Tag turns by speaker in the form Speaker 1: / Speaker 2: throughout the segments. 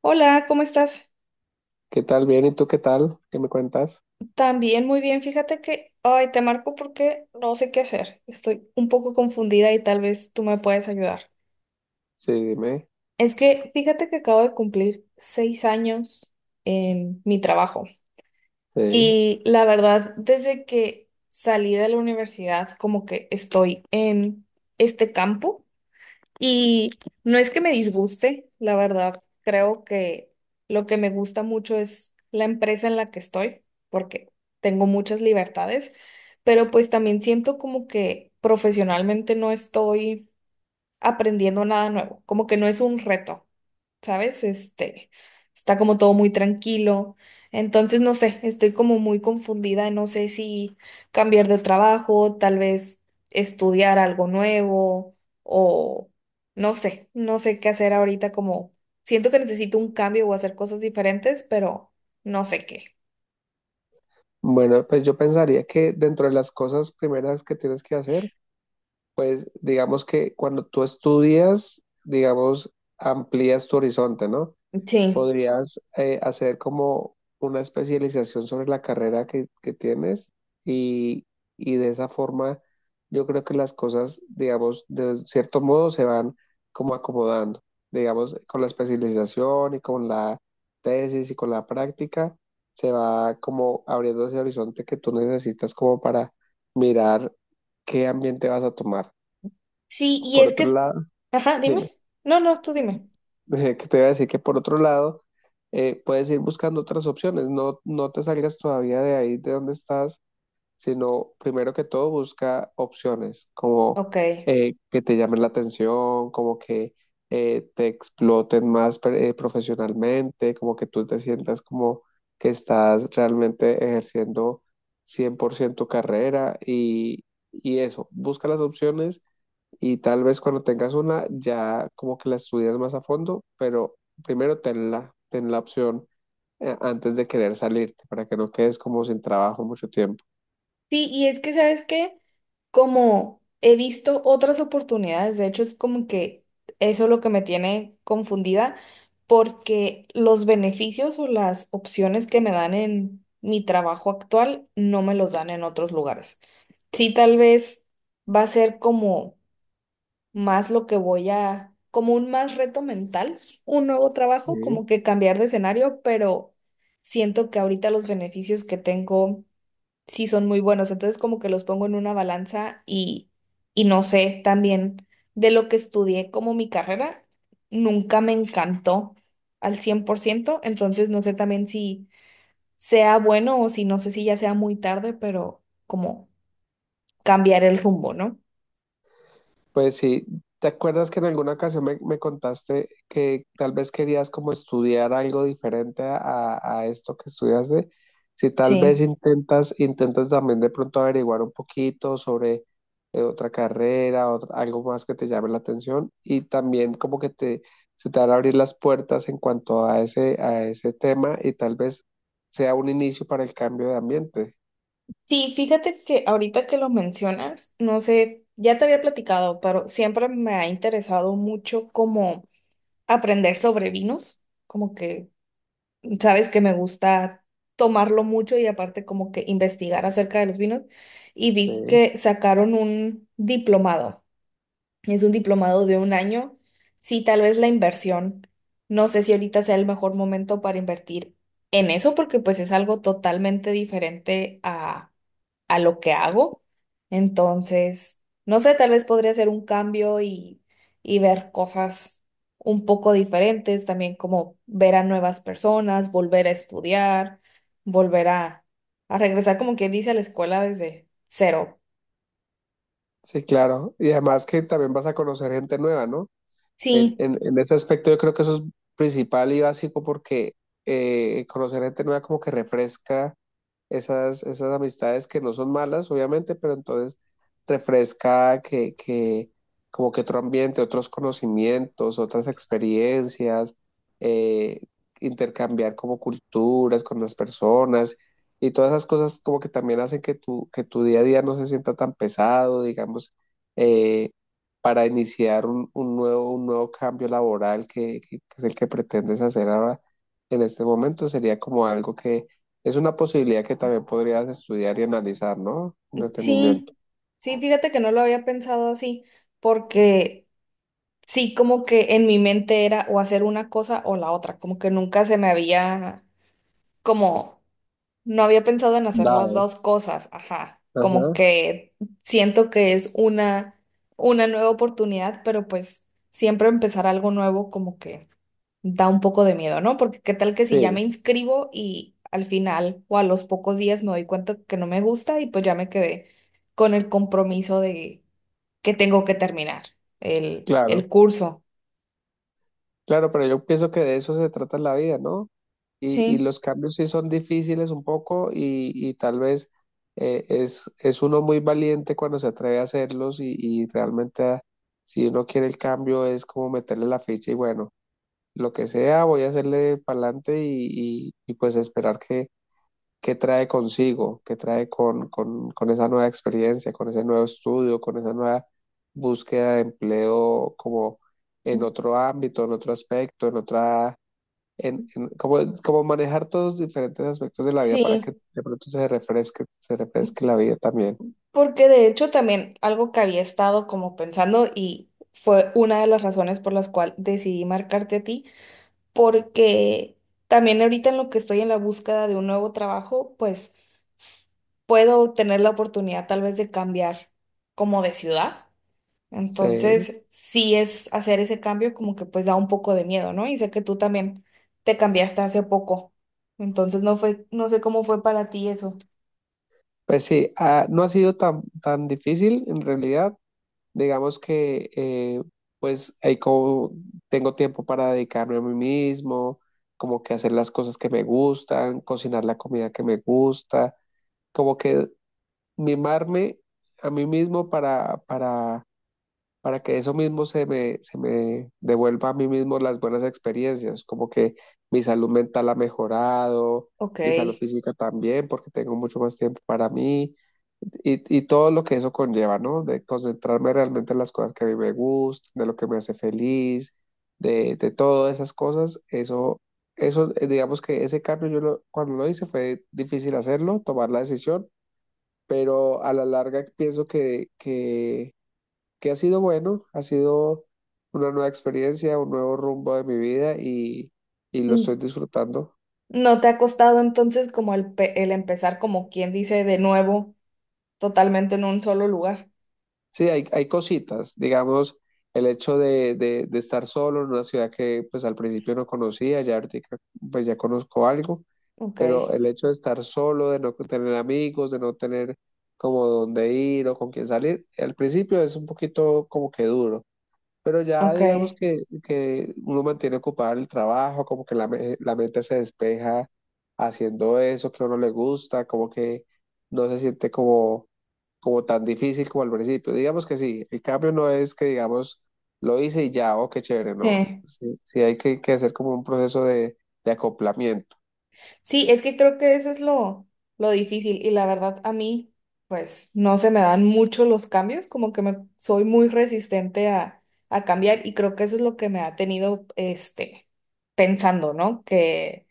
Speaker 1: Hola, ¿cómo estás?
Speaker 2: ¿Qué tal? Bien, ¿y tú qué tal? ¿Qué me cuentas?
Speaker 1: También muy bien. Fíjate que, ay, te marco porque no sé qué hacer. Estoy un poco confundida y tal vez tú me puedes ayudar.
Speaker 2: Sí, dime.
Speaker 1: Es que fíjate que acabo de cumplir 6 años en mi trabajo
Speaker 2: Sí.
Speaker 1: y la verdad, desde que salí de la universidad, como que estoy en este campo. Y no es que me disguste, la verdad, creo que lo que me gusta mucho es la empresa en la que estoy, porque tengo muchas libertades, pero pues también siento como que profesionalmente no estoy aprendiendo nada nuevo, como que no es un reto. ¿Sabes? Este, está como todo muy tranquilo. Entonces, no sé, estoy como muy confundida, no sé si cambiar de trabajo, tal vez estudiar algo nuevo o no sé, no sé qué hacer ahorita, como siento que necesito un cambio o hacer cosas diferentes, pero no sé qué.
Speaker 2: Bueno, pues yo pensaría que dentro de las cosas primeras que tienes que hacer, pues digamos que cuando tú estudias, digamos, amplías tu horizonte, ¿no?
Speaker 1: Sí.
Speaker 2: Podrías hacer como una especialización sobre la carrera que tienes y, y de esa forma yo creo que las cosas, digamos, de cierto modo se van como acomodando, digamos, con la especialización y con la tesis y con la práctica, se va como abriendo ese horizonte que tú necesitas como para mirar qué ambiente vas a tomar.
Speaker 1: Sí, y
Speaker 2: Por
Speaker 1: es que,
Speaker 2: otro lado,
Speaker 1: ajá, dime.
Speaker 2: dime.
Speaker 1: No, no, tú dime.
Speaker 2: Que te voy a decir que por otro lado, puedes ir buscando otras opciones, no, no te salgas todavía de ahí de donde estás, sino primero que todo busca opciones como
Speaker 1: Ok.
Speaker 2: que te llamen la atención, como que te exploten más profesionalmente, como que tú te sientas como que estás realmente ejerciendo 100% tu carrera y eso, busca las opciones y tal vez cuando tengas una ya como que la estudias más a fondo, pero primero ten la opción antes de querer salirte para que no quedes como sin trabajo mucho tiempo.
Speaker 1: Sí, y es que, ¿sabes qué? Como he visto otras oportunidades, de hecho es como que eso es lo que me tiene confundida, porque los beneficios o las opciones que me dan en mi trabajo actual no me los dan en otros lugares. Sí, tal vez va a ser como más lo que voy a, como un más reto mental, un nuevo trabajo,
Speaker 2: Sí.
Speaker 1: como que cambiar de escenario, pero siento que ahorita los beneficios que tengo sí son muy buenos. Entonces como que los pongo en una balanza y, no sé, también de lo que estudié como mi carrera, nunca me encantó al 100%, entonces no sé también si sea bueno o si no sé si ya sea muy tarde, pero como cambiar el rumbo, ¿no?
Speaker 2: Pues sí, ¿te acuerdas que en alguna ocasión me contaste que tal vez querías como estudiar algo diferente a esto que estudiaste? Si tal vez
Speaker 1: Sí.
Speaker 2: intentas también de pronto averiguar un poquito sobre otra carrera, algo más que te llame la atención y también como que te, se te van a abrir las puertas en cuanto a ese tema y tal vez sea un inicio para el cambio de ambiente.
Speaker 1: Sí, fíjate que ahorita que lo mencionas, no sé, ya te había platicado, pero siempre me ha interesado mucho como aprender sobre vinos, como que sabes que me gusta tomarlo mucho y aparte como que investigar acerca de los vinos. Y vi
Speaker 2: Sí,
Speaker 1: que sacaron un diplomado. Es un diplomado de un año. Sí, tal vez la inversión. No sé si ahorita sea el mejor momento para invertir en eso, porque pues es algo totalmente diferente a lo que hago. Entonces, no sé, tal vez podría hacer un cambio y ver cosas un poco diferentes, también como ver a nuevas personas, volver a estudiar, volver a regresar, como quien dice, a la escuela desde cero.
Speaker 2: sí, claro. Y además que también vas a conocer gente nueva, ¿no? En,
Speaker 1: Sí,
Speaker 2: en, en ese aspecto yo creo que eso es principal y básico porque conocer gente nueva como que refresca esas amistades que no son malas, obviamente, pero entonces refresca que como que otro ambiente, otros conocimientos, otras experiencias, eh, intercambiar como culturas con las personas y todas esas cosas como que también hacen que que tu día a día no se sienta tan pesado, digamos, eh, para iniciar un nuevo cambio laboral que que es el que pretendes hacer ahora en este momento, sería como algo que es una posibilidad que también podrías estudiar y analizar, ¿no? Con detenimiento.
Speaker 1: sí, sí, fíjate que no lo había pensado así, porque sí, como que en mi mente era o hacer una cosa o la otra, como que nunca se me había como no había pensado en hacer las
Speaker 2: Dado.
Speaker 1: dos cosas, ajá. Como
Speaker 2: Ajá.
Speaker 1: que siento que es una nueva oportunidad, pero pues siempre empezar algo nuevo como que da un poco de miedo, ¿no? Porque qué tal que si ya me
Speaker 2: Sí,
Speaker 1: inscribo y al final o a los pocos días me doy cuenta que no me gusta y pues ya me quedé con el compromiso de que tengo que terminar el,
Speaker 2: claro.
Speaker 1: el curso.
Speaker 2: Claro, pero yo pienso que de eso se trata la vida, ¿no? Y
Speaker 1: Sí,
Speaker 2: los cambios sí son difíciles un poco y tal vez es uno muy valiente cuando se atreve a hacerlos y realmente ah, si uno quiere el cambio es como meterle la ficha y bueno, lo que sea, voy a hacerle para adelante y pues esperar que qué trae consigo, qué trae con esa nueva experiencia, con ese nuevo estudio, con esa nueva búsqueda de empleo como en otro ámbito, en otro aspecto, en otra, como, como manejar todos los diferentes aspectos de la vida para que
Speaker 1: sí.
Speaker 2: de pronto se refresque la vida también.
Speaker 1: Porque de hecho también algo que había estado como pensando y fue una de las razones por las cuales decidí marcarte a ti, porque también ahorita en lo que estoy en la búsqueda de un nuevo trabajo, pues s- puedo tener la oportunidad tal vez de cambiar como de ciudad.
Speaker 2: Sí,
Speaker 1: Entonces, sí es hacer ese cambio como que pues da un poco de miedo, ¿no? Y sé que tú también te cambiaste hace poco. Entonces, no fue, no sé cómo fue para ti eso.
Speaker 2: pues sí, ah, no ha sido tan, tan difícil en realidad. Digamos que pues ahí como tengo tiempo para dedicarme a mí mismo, como que hacer las cosas que me gustan, cocinar la comida que me gusta, como que mimarme a mí mismo para que eso mismo se me devuelva a mí mismo las buenas experiencias, como que mi salud mental ha mejorado,
Speaker 1: Ok.
Speaker 2: mi salud física también, porque tengo mucho más tiempo para mí. Y todo lo que eso conlleva, ¿no? De concentrarme realmente en las cosas que a mí me gustan, de lo que me hace feliz, de todas esas cosas, eso, digamos que ese cambio cuando lo hice fue difícil hacerlo, tomar la decisión, pero a la larga pienso que ha sido bueno, ha sido una nueva experiencia, un nuevo rumbo de mi vida y lo estoy disfrutando.
Speaker 1: ¿No te ha costado entonces como el empezar, como quien dice, de nuevo, totalmente en un solo lugar?
Speaker 2: Sí, hay cositas, digamos, el hecho de estar solo en una ciudad que pues al principio no conocía, ya ahorita pues ya conozco algo,
Speaker 1: Ok,
Speaker 2: pero el hecho de estar solo, de no tener amigos, de no tener como dónde ir o con quién salir, al principio es un poquito como que duro, pero ya
Speaker 1: ok,
Speaker 2: digamos que uno mantiene ocupado el trabajo, como que la mente se despeja haciendo eso que a uno le gusta, como que no se siente como, como tan difícil como al principio. Digamos que sí, el cambio no es que digamos lo hice y ya, oh, qué chévere, no.
Speaker 1: sí.
Speaker 2: Sí, sí hay que hacer como un proceso de acoplamiento.
Speaker 1: Sí, es que creo que eso es lo difícil y la verdad a mí, pues no se me dan mucho los cambios, como que me, soy muy resistente a cambiar y creo que eso es lo que me ha tenido, este, pensando, ¿no? Que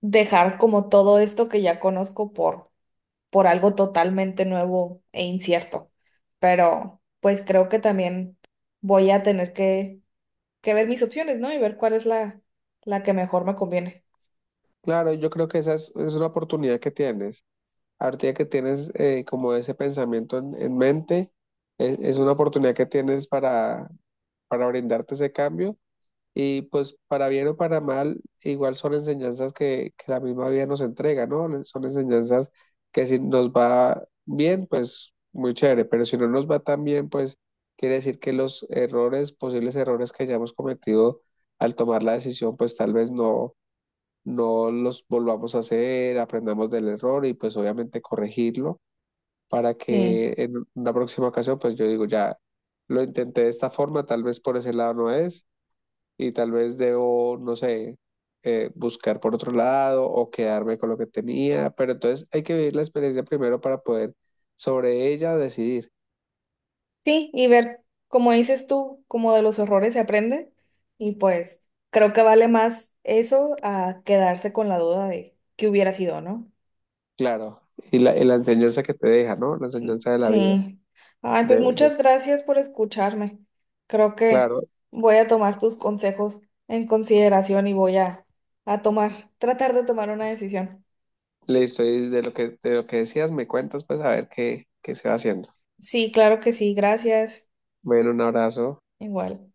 Speaker 1: dejar como todo esto que ya conozco por algo totalmente nuevo e incierto. Pero pues creo que también voy a tener que ver mis opciones, ¿no? Y ver cuál es la que mejor me conviene.
Speaker 2: Claro, yo creo que esa es una oportunidad que tienes. Ahorita que tienes como ese pensamiento en mente. Es una oportunidad que tienes para brindarte ese cambio. Y pues para bien o para mal, igual son enseñanzas que la misma vida nos entrega, ¿no? Son enseñanzas que si nos va bien, pues muy chévere, pero si no nos va tan bien, pues quiere decir que los errores, posibles errores que hayamos cometido al tomar la decisión, pues tal vez no, no los volvamos a hacer, aprendamos del error y pues obviamente corregirlo para
Speaker 1: Sí.
Speaker 2: que en una próxima ocasión, pues yo digo, ya lo intenté de esta forma, tal vez por ese lado no es, y tal vez debo, no sé, buscar por otro lado o quedarme con lo que tenía, pero entonces hay que vivir la experiencia primero para poder sobre ella decidir,
Speaker 1: Sí, y ver, como dices tú, como de los errores se aprende. Y pues creo que vale más eso a quedarse con la duda de qué hubiera sido, ¿no?
Speaker 2: claro, y la enseñanza que te deja, ¿no? La enseñanza de la vida,
Speaker 1: Sí. Ay,
Speaker 2: de,
Speaker 1: pues
Speaker 2: de-
Speaker 1: muchas gracias por escucharme. Creo que
Speaker 2: claro,
Speaker 1: voy a tomar tus consejos en consideración y voy a tomar, tratar de tomar una decisión.
Speaker 2: listo, y de lo que decías me cuentas, pues a ver qué, qué se va haciendo.
Speaker 1: Sí, claro que sí, gracias.
Speaker 2: Bueno, un abrazo.
Speaker 1: Igual.